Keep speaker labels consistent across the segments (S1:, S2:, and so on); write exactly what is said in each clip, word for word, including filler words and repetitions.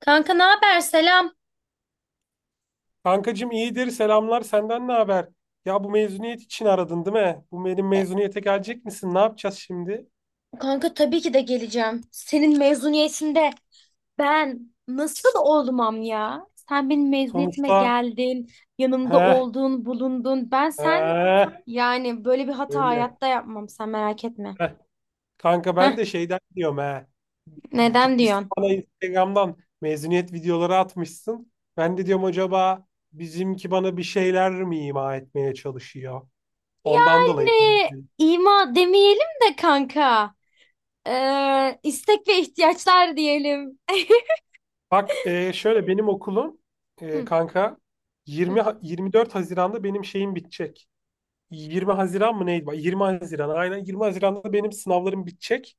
S1: Kanka ne haber? Selam.
S2: Kankacım iyidir, selamlar. Senden ne haber? Ya bu mezuniyet için aradın, değil mi? Bu benim
S1: E,
S2: mezuniyete gelecek misin? Ne yapacağız şimdi?
S1: Kanka tabii ki de geleceğim. Senin mezuniyetinde ben nasıl olmam ya? Sen benim mezuniyetime
S2: Sonuçta.
S1: geldin, yanımda
S2: He,
S1: oldun, bulundun. Ben sen
S2: he.
S1: Yani böyle bir hata
S2: Şöyle.
S1: hayatta yapmam sen merak etme.
S2: Heh. Kanka ben
S1: Heh,
S2: de şeyden diyorum, he.
S1: neden
S2: Gitmişsin
S1: diyorsun?
S2: bana Instagram'dan mezuniyet videoları atmışsın. Ben de diyorum acaba bizimki bana bir şeyler mi ima etmeye çalışıyor? Ondan
S1: Yani
S2: dolayı ben de.
S1: ima demeyelim de kanka. Ee, istek ve ihtiyaçlar diyelim.
S2: Bak, e, şöyle benim okulum, e,
S1: Hı,
S2: kanka,
S1: hı.
S2: yirmi Ha- yirmi dört Haziran'da benim şeyim bitecek. yirmi Haziran mı neydi? Bak, yirmi Haziran, aynen, yirmi Haziran'da benim sınavlarım bitecek.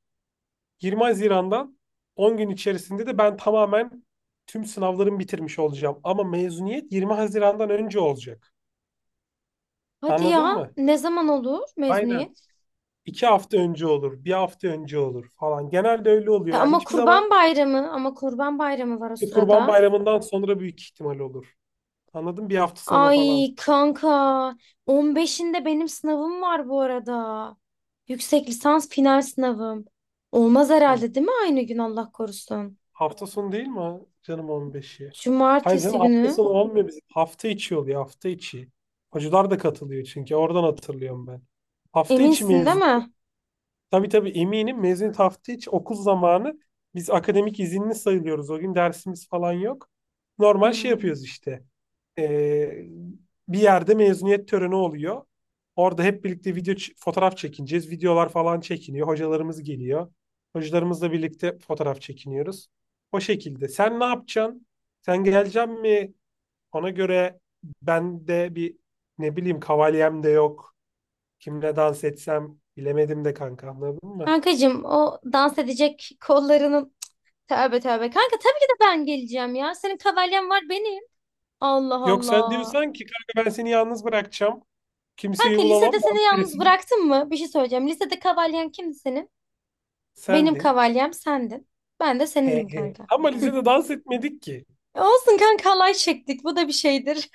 S2: yirmi Haziran'dan on gün içerisinde de ben tamamen tüm sınavlarımı bitirmiş olacağım. Ama mezuniyet yirmi Haziran'dan önce olacak.
S1: Hadi
S2: Anladın
S1: ya,
S2: mı?
S1: ne zaman olur
S2: Aynen.
S1: mezuniyet?
S2: İki hafta önce olur, bir hafta önce olur falan. Genelde öyle
S1: E,
S2: oluyor. Yani
S1: ama
S2: hiçbir zaman
S1: Kurban Bayramı, ama Kurban Bayramı var o
S2: işte Kurban
S1: sırada.
S2: Bayramı'ndan sonra büyük ihtimal olur. Anladın mı? Bir hafta sonra falan.
S1: Ay kanka, on beşinde benim sınavım var bu arada. Yüksek lisans final sınavım. Olmaz
S2: Tamam.
S1: herhalde değil mi aynı gün Allah korusun?
S2: Hafta sonu değil mi, ha? Canım, on beşi? Hayır canım,
S1: Cumartesi
S2: hafta
S1: günü.
S2: sonu olmuyor bizim. Hafta içi oluyor, hafta içi. Hocalar da katılıyor çünkü, oradan hatırlıyorum ben. Hafta içi
S1: Eminsin değil
S2: mezun.
S1: mi?
S2: Tabii tabii eminim, mezuniyet hafta içi, okul zamanı. Biz akademik izinli sayılıyoruz. O gün dersimiz falan yok. Normal şey
S1: Hmm.
S2: yapıyoruz işte. Ee, Bir yerde mezuniyet töreni oluyor. Orada hep birlikte video ç- fotoğraf çekineceğiz. Videolar falan çekiniyor. Hocalarımız geliyor. Hocalarımızla birlikte fotoğraf çekiniyoruz. O şekilde. Sen ne yapacaksın? Sen geleceksin mi? Ona göre ben de bir, ne bileyim, kavalyem de yok. Kimle dans etsem bilemedim de, kanka, anladın mı?
S1: Kankacığım o dans edecek kollarının... Tövbe tövbe. Kanka tabii ki de ben geleceğim ya. Senin kavalyen var benim. Allah
S2: Yok, sen
S1: Allah.
S2: diyorsan ki kanka ben seni yalnız bırakacağım. Kimseyi
S1: Kanka lisede
S2: bulamam. Ben
S1: seni yalnız
S2: birisiyim.
S1: bıraktım mı? Bir şey söyleyeceğim. Lisede kavalyen kimdi senin? Benim
S2: Sendin.
S1: kavalyem sendin. Ben de
S2: He
S1: senindim
S2: he.
S1: kanka.
S2: Ama
S1: Hı.
S2: lisede dans etmedik ki.
S1: E olsun kanka alay çektik. Bu da bir şeydir.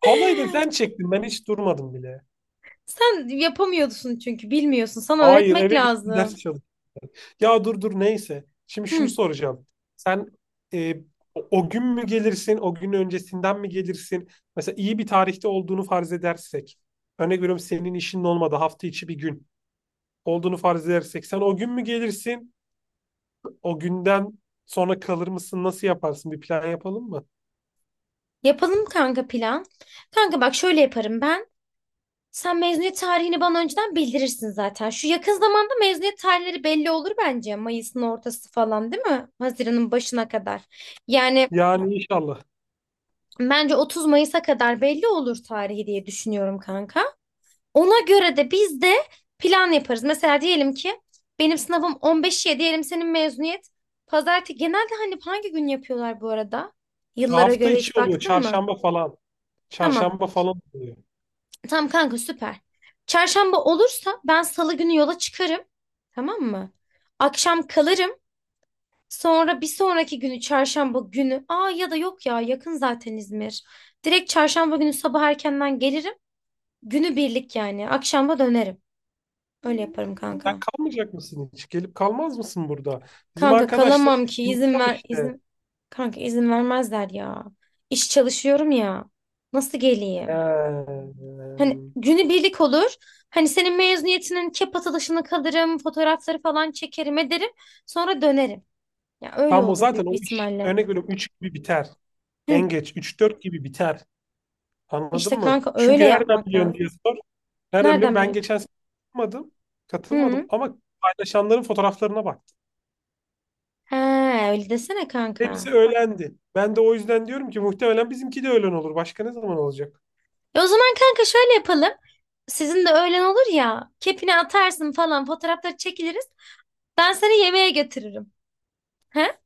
S2: Halayı da sen çektin. Ben hiç durmadım bile.
S1: Sen yapamıyorsun çünkü bilmiyorsun. Sana
S2: Hayır,
S1: öğretmek
S2: eve gittim, ders
S1: lazım.
S2: çalıştım. Ya dur dur, neyse. Şimdi şunu
S1: Hı.
S2: soracağım. Sen, e, o o gün mü gelirsin? O gün öncesinden mi gelirsin? Mesela iyi bir tarihte olduğunu farz edersek. Örnek veriyorum, senin işinin olmadı. Hafta içi bir gün olduğunu farz edersek. Sen o gün mü gelirsin? O günden sonra kalır mısın? Nasıl yaparsın? Bir plan yapalım mı?
S1: Yapalım kanka plan. Kanka bak şöyle yaparım ben. Sen mezuniyet tarihini bana önceden bildirirsin zaten. Şu yakın zamanda mezuniyet tarihleri belli olur bence. Mayıs'ın ortası falan değil mi? Haziran'ın başına kadar. Yani
S2: Yani inşallah.
S1: bence otuz Mayıs'a kadar belli olur tarihi diye düşünüyorum kanka. Ona göre de biz de plan yaparız. Mesela diyelim ki benim sınavım on beşe diyelim, senin mezuniyet pazartesi. Genelde hani hangi gün yapıyorlar bu arada? Yıllara
S2: Hafta
S1: göre
S2: içi
S1: hiç
S2: oluyor.
S1: baktın mı?
S2: Çarşamba falan.
S1: Tamam.
S2: Çarşamba falan oluyor.
S1: Tamam kanka süper. Çarşamba olursa ben salı günü yola çıkarım. Tamam mı? Akşam kalırım. Sonra bir sonraki günü çarşamba günü. Aa, ya da yok ya, yakın zaten İzmir. Direkt çarşamba günü sabah erkenden gelirim. Günü birlik yani. Akşama dönerim. Öyle yaparım
S2: Sen
S1: kanka.
S2: kalmayacak mısın hiç? Gelip kalmaz mısın burada? Bizim
S1: Kanka
S2: arkadaşlar
S1: kalamam ki
S2: hepsini
S1: izin
S2: kal
S1: ver
S2: işte.
S1: izin, kanka izin vermezler ya. İş çalışıyorum ya. Nasıl geleyim?
S2: Ee,
S1: Hani günü birlik olur. Hani senin mezuniyetinin kep atılışını kalırım, fotoğrafları falan çekerim ederim. Sonra dönerim. Ya öyle
S2: Tam o
S1: olur
S2: zaten,
S1: büyük bir
S2: o iş,
S1: ihtimalle.
S2: örnek veriyorum, üç gibi biter.
S1: Hı.
S2: En geç üç dört gibi biter. Anladın
S1: İşte
S2: mı?
S1: kanka öyle
S2: Çünkü nereden
S1: yapmak
S2: biliyorsun
S1: lazım.
S2: diye sor. Nereden biliyorum?
S1: Nereden
S2: Ben
S1: bileyim?
S2: geçen sene katılmadım. Katılmadım
S1: Hı.
S2: ama paylaşanların fotoğraflarına baktım.
S1: Ha, öyle desene kanka.
S2: Hepsi öğlendi. Ben de o yüzden diyorum ki muhtemelen bizimki de öğlen olur. Başka ne zaman olacak?
S1: E o zaman kanka şöyle yapalım. Sizin de öğlen olur ya. Kepini atarsın falan fotoğrafları çekiliriz. Ben seni yemeğe götürürüm. He?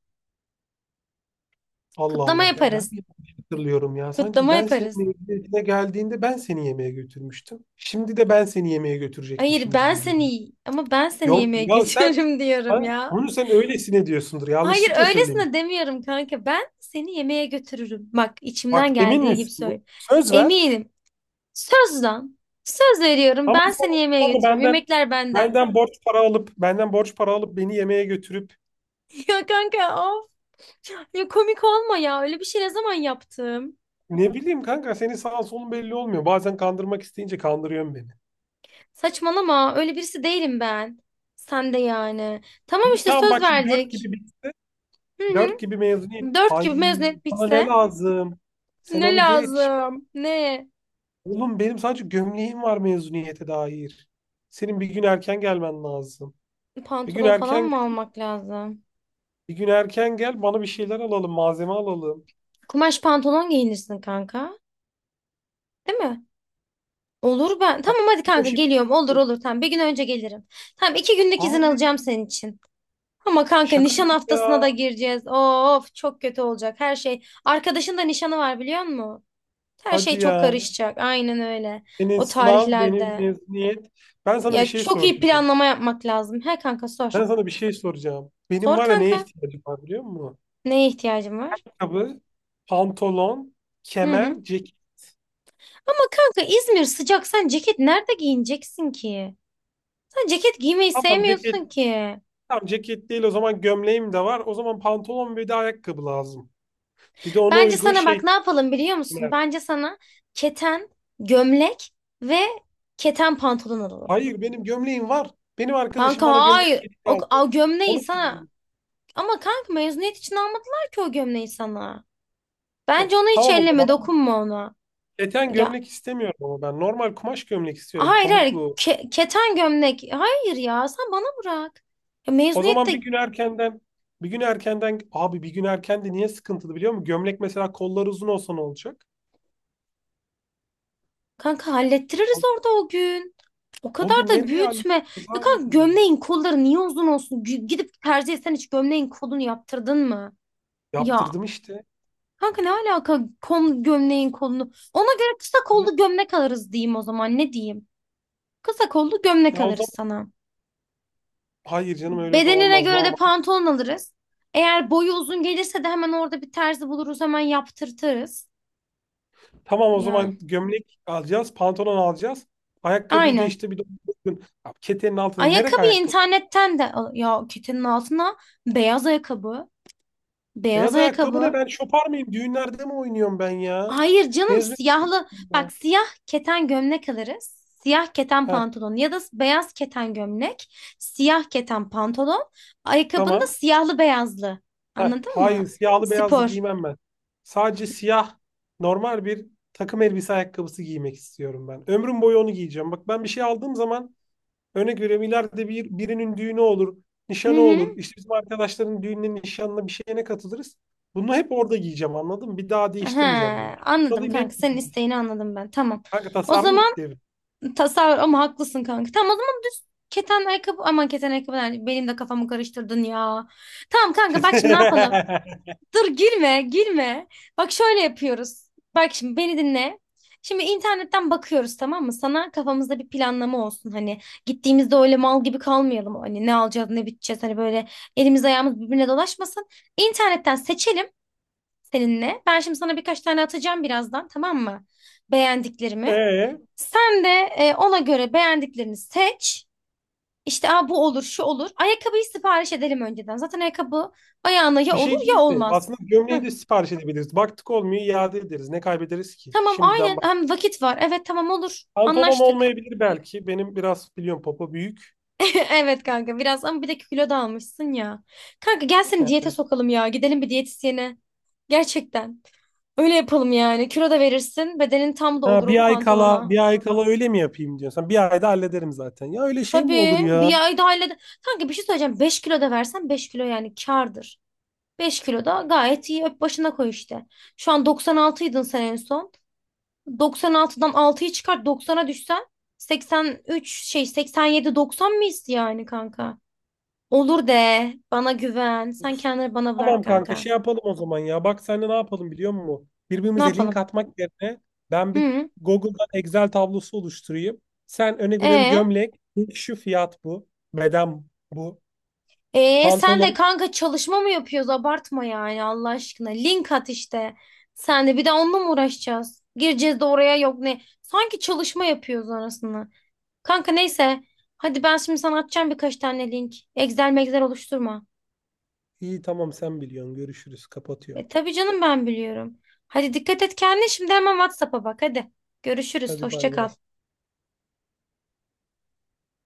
S2: Allah
S1: Kutlama
S2: Allah, ya ben mi
S1: yaparız.
S2: yanlış hatırlıyorum ya? Sanki
S1: Kutlama
S2: ben seni
S1: yaparız.
S2: mezuniyetine geldiğinde ben seni yemeğe götürmüştüm. Şimdi de ben seni yemeğe
S1: Hayır
S2: götürecekmişim
S1: ben
S2: gibi geliyor.
S1: seni, ama ben seni
S2: Yok
S1: yemeğe
S2: ya, sen,
S1: götürürüm diyorum
S2: ha,
S1: ya.
S2: onu sen öylesine diyorsundur.
S1: Hayır
S2: Yanlışlıkla
S1: öylesine
S2: söylemişsin.
S1: demiyorum kanka. Ben seni yemeğe götürürüm. Bak
S2: Bak,
S1: içimden
S2: emin
S1: geldiği gibi
S2: misin bu?
S1: söyle.
S2: Söz ver,
S1: Eminim. Söz lan. Söz veriyorum.
S2: ama
S1: Ben seni yemeğe
S2: sonra
S1: götürüyorum.
S2: benden
S1: Yemekler benden.
S2: benden borç para alıp benden borç para alıp beni yemeğe götürüp,
S1: Ya kanka of. Ya komik olma ya. Öyle bir şey ne zaman yaptım?
S2: ne bileyim, kanka, senin sağın solun belli olmuyor. Bazen kandırmak isteyince kandırıyorsun beni.
S1: Saçmalama. Öyle birisi değilim ben. Sen de yani. Tamam
S2: İyi
S1: işte
S2: tamam,
S1: söz
S2: bak, şimdi dört
S1: verdik.
S2: gibi
S1: Hı hı.
S2: dört gibi mezuniyet.
S1: Dört
S2: Ay,
S1: gibi mezuniyet
S2: bana ne
S1: bitse
S2: lazım? Sen
S1: ne
S2: onu geç.
S1: lazım? Ne?
S2: Oğlum, benim sadece gömleğim var mezuniyete dair. Senin bir gün erken gelmen lazım. Bir gün
S1: Pantolon falan
S2: erken
S1: mı
S2: gel,
S1: almak lazım?
S2: bir gün erken gel, bana bir şeyler alalım, malzeme alalım.
S1: Kumaş pantolon giyinirsin kanka. Değil mi? Olur ben.
S2: Ay,
S1: Tamam hadi
S2: bu
S1: kanka
S2: işi-
S1: geliyorum. Olur olur tamam. Bir gün önce gelirim. Tamam, iki günlük izin
S2: Abi,
S1: alacağım senin için. Ama kanka
S2: şaka
S1: nişan
S2: gibi
S1: haftasına da
S2: ya.
S1: gireceğiz. Of çok kötü olacak her şey. Arkadaşın da nişanı var biliyor musun? Her şey
S2: Hadi
S1: çok
S2: ya.
S1: karışacak. Aynen öyle.
S2: Senin
S1: O
S2: sınav, benim
S1: tarihlerde.
S2: mezuniyet. Ben sana bir
S1: Ya
S2: şey
S1: çok iyi
S2: soracağım.
S1: planlama yapmak lazım. He kanka sor.
S2: Ben sana bir şey soracağım. Benim,
S1: Sor
S2: var ya, neye
S1: kanka.
S2: ihtiyacım var biliyor musun?
S1: Neye ihtiyacın var?
S2: Ayakkabı, pantolon,
S1: Hı hı.
S2: kemer, ceket.
S1: Ama kanka İzmir sıcak. Sen ceket nerede giyineceksin ki? Sen ceket giymeyi
S2: Tamam
S1: sevmiyorsun
S2: ceket
S1: ki.
S2: Tamam, ceket değil o zaman, gömleğim de var. O zaman pantolon ve de ayakkabı lazım. Bir de ona
S1: Bence
S2: uygun
S1: sana bak
S2: şey
S1: ne yapalım biliyor musun?
S2: var.
S1: Bence sana keten, gömlek ve keten pantolon alalım.
S2: Hayır, benim gömleğim var. Benim arkadaşım
S1: Kanka
S2: bana gömlek
S1: hayır.
S2: hediye
S1: O,
S2: aldı.
S1: o gömleği
S2: Onu
S1: sana...
S2: giyeceğim.
S1: Ama kanka mezuniyet için almadılar ki o gömleği sana.
S2: Of,
S1: Bence onu hiç
S2: tamam o
S1: elleme,
S2: zaman.
S1: dokunma ona.
S2: Keten
S1: Ya
S2: gömlek istemiyorum ama ben. Normal kumaş gömlek istiyorum,
S1: hayır hayır
S2: pamuklu.
S1: ke- keten gömlek. Hayır ya sen bana bırak. Ya
S2: O zaman bir
S1: mezuniyette
S2: gün erkenden bir gün erkenden, abi, bir gün erken de niye sıkıntılı biliyor musun? Gömlek, mesela, kolları uzun olsa ne olacak?
S1: kanka hallettiririz orada o gün. O
S2: O
S1: kadar
S2: gün
S1: da
S2: nereye
S1: büyütme.
S2: halledeceğiz,
S1: Ya
S2: abi?
S1: kanka gömleğin kolları niye uzun olsun? G- Gidip tercih etsen hiç gömleğin kolunu yaptırdın mı? Ya
S2: Yaptırdım işte.
S1: kanka ne alaka kol, gömleğin kolunu? Ona göre kısa
S2: Yani,
S1: kollu gömlek alırız diyeyim o zaman, ne diyeyim? Kısa kollu gömlek
S2: ya o
S1: alırız
S2: zaman,
S1: sana.
S2: hayır canım, öyle de
S1: Bedenine
S2: olmaz.
S1: göre de
S2: Normal.
S1: pantolon alırız. Eğer boyu uzun gelirse de hemen orada bir terzi buluruz, hemen yaptırtırız.
S2: Tamam o
S1: Yani
S2: zaman, gömlek alacağız, pantolon alacağız. Ayakkabıyı da,
S1: aynen.
S2: işte, bir de, ya ketenin altında nereye
S1: Ayakkabıyı
S2: ayakkabı?
S1: internetten de al. Ya ketenin altına beyaz ayakkabı. Beyaz
S2: Beyaz ayakkabı ne,
S1: ayakkabı.
S2: ben şopar mıyım? Düğünlerde mi oynuyorum ben ya?
S1: Hayır canım,
S2: Mezuniyetim
S1: siyahlı bak
S2: ben.
S1: siyah keten gömlek alırız. Siyah keten
S2: Heh,
S1: pantolon ya da beyaz keten gömlek, siyah keten pantolon, ayakkabında
S2: tamam.
S1: siyahlı beyazlı.
S2: Heh,
S1: Anladın
S2: hayır
S1: mı?
S2: siyahlı beyazlı
S1: Spor.
S2: giymem ben. Sadece siyah, normal bir takım elbise ayakkabısı giymek istiyorum ben. Ömrüm boyu onu giyeceğim. Bak, ben bir şey aldığım zaman, örnek veriyorum, ileride bir, birinin düğünü olur,
S1: Hı
S2: nişanı olur.
S1: hı.
S2: İşte bizim arkadaşların düğününe, nişanına, bir şeyine katılırız. Bunu hep orada giyeceğim, anladın mı? Bir daha
S1: He,
S2: değiştirmeyeceğim ben.
S1: anladım
S2: Alayım,
S1: kanka.
S2: hep
S1: Senin
S2: giyeceğiz.
S1: isteğini anladım ben. Tamam.
S2: Kanka,
S1: O
S2: tasarruf
S1: zaman
S2: derim.
S1: tasavvur ama haklısın kanka. Tamam o zaman keten ayakkabı, aman keten ayakkabı yani benim de kafamı karıştırdın ya. Tamam kanka bak şimdi ne yapalım? Dur girme, girme. Bak şöyle yapıyoruz. Bak şimdi beni dinle. Şimdi internetten bakıyoruz tamam mı? Sana kafamızda bir planlama olsun. Hani gittiğimizde öyle mal gibi kalmayalım. Hani ne alacağız, ne biteceğiz. Hani böyle elimiz ayağımız birbirine dolaşmasın. İnternetten seçelim seninle. Ben şimdi sana birkaç tane atacağım birazdan tamam mı? Beğendiklerimi.
S2: Ee,
S1: Sen de e, ona göre beğendiklerini seç. İşte aa, bu olur, şu olur. Ayakkabıyı sipariş edelim önceden. Zaten ayakkabı ayağına ya
S2: Bir
S1: olur
S2: şey değil
S1: ya
S2: de,
S1: olmaz.
S2: aslında,
S1: Heh.
S2: gömleği de sipariş edebiliriz. Baktık olmuyor, iade ederiz. Ne kaybederiz ki?
S1: Tamam
S2: Şimdiden
S1: aynen,
S2: bak.
S1: hem vakit var. Evet tamam olur.
S2: Pantolon
S1: Anlaştık.
S2: olmayabilir belki. Benim biraz, biliyorum, popo büyük.
S1: Evet kanka biraz, ama bir de kilo da almışsın ya. Kanka gel seni diyete sokalım ya. Gidelim bir diyetisyene. Gerçekten. Öyle yapalım yani. Kilo da verirsin. Bedenin tam da olur
S2: Ha,
S1: o
S2: bir ay kala
S1: pantolona.
S2: bir ay kala öyle mi yapayım diyorsan. Bir ayda hallederim zaten. Ya öyle şey mi olur
S1: Tabii
S2: ya?
S1: bir ay daha ile... Kanka bir şey söyleyeceğim. Beş kilo da versen beş kilo yani kârdır. Beş kilo da gayet iyi. Öp başına koy işte. Şu an doksan altıydın sen en son. doksan altıdan altıyı çıkart doksana düşsen seksen üç şey seksen yedi doksan mıyız yani kanka? Olur de bana güven. Sen kendini bana bırak
S2: Tamam kanka,
S1: kanka.
S2: şey yapalım o zaman ya. Bak, seninle ne yapalım biliyor musun?
S1: Ne
S2: Birbirimize link
S1: yapalım?
S2: atmak yerine ben bir
S1: Hı.
S2: Google'dan Excel tablosu oluşturayım. Sen, öne veriyorum,
S1: E
S2: gömlek. Şu fiyat bu. Beden bu.
S1: e Sen de
S2: Pantolon.
S1: kanka çalışma mı yapıyoruz? Abartma yani Allah aşkına. Link at işte. Sen de bir de onunla mı uğraşacağız? Gireceğiz de oraya yok ne? Sanki çalışma yapıyoruz arasında. Kanka neyse. Hadi ben şimdi sana atacağım birkaç tane link. Excel megzel oluşturma.
S2: İyi tamam, sen biliyorsun. Görüşürüz. Kapatıyorum.
S1: E, tabii canım ben biliyorum. Hadi dikkat et kendine şimdi hemen WhatsApp'a bak hadi. Görüşürüz.
S2: Hadi,
S1: Hoşça
S2: bay
S1: kal.
S2: bay.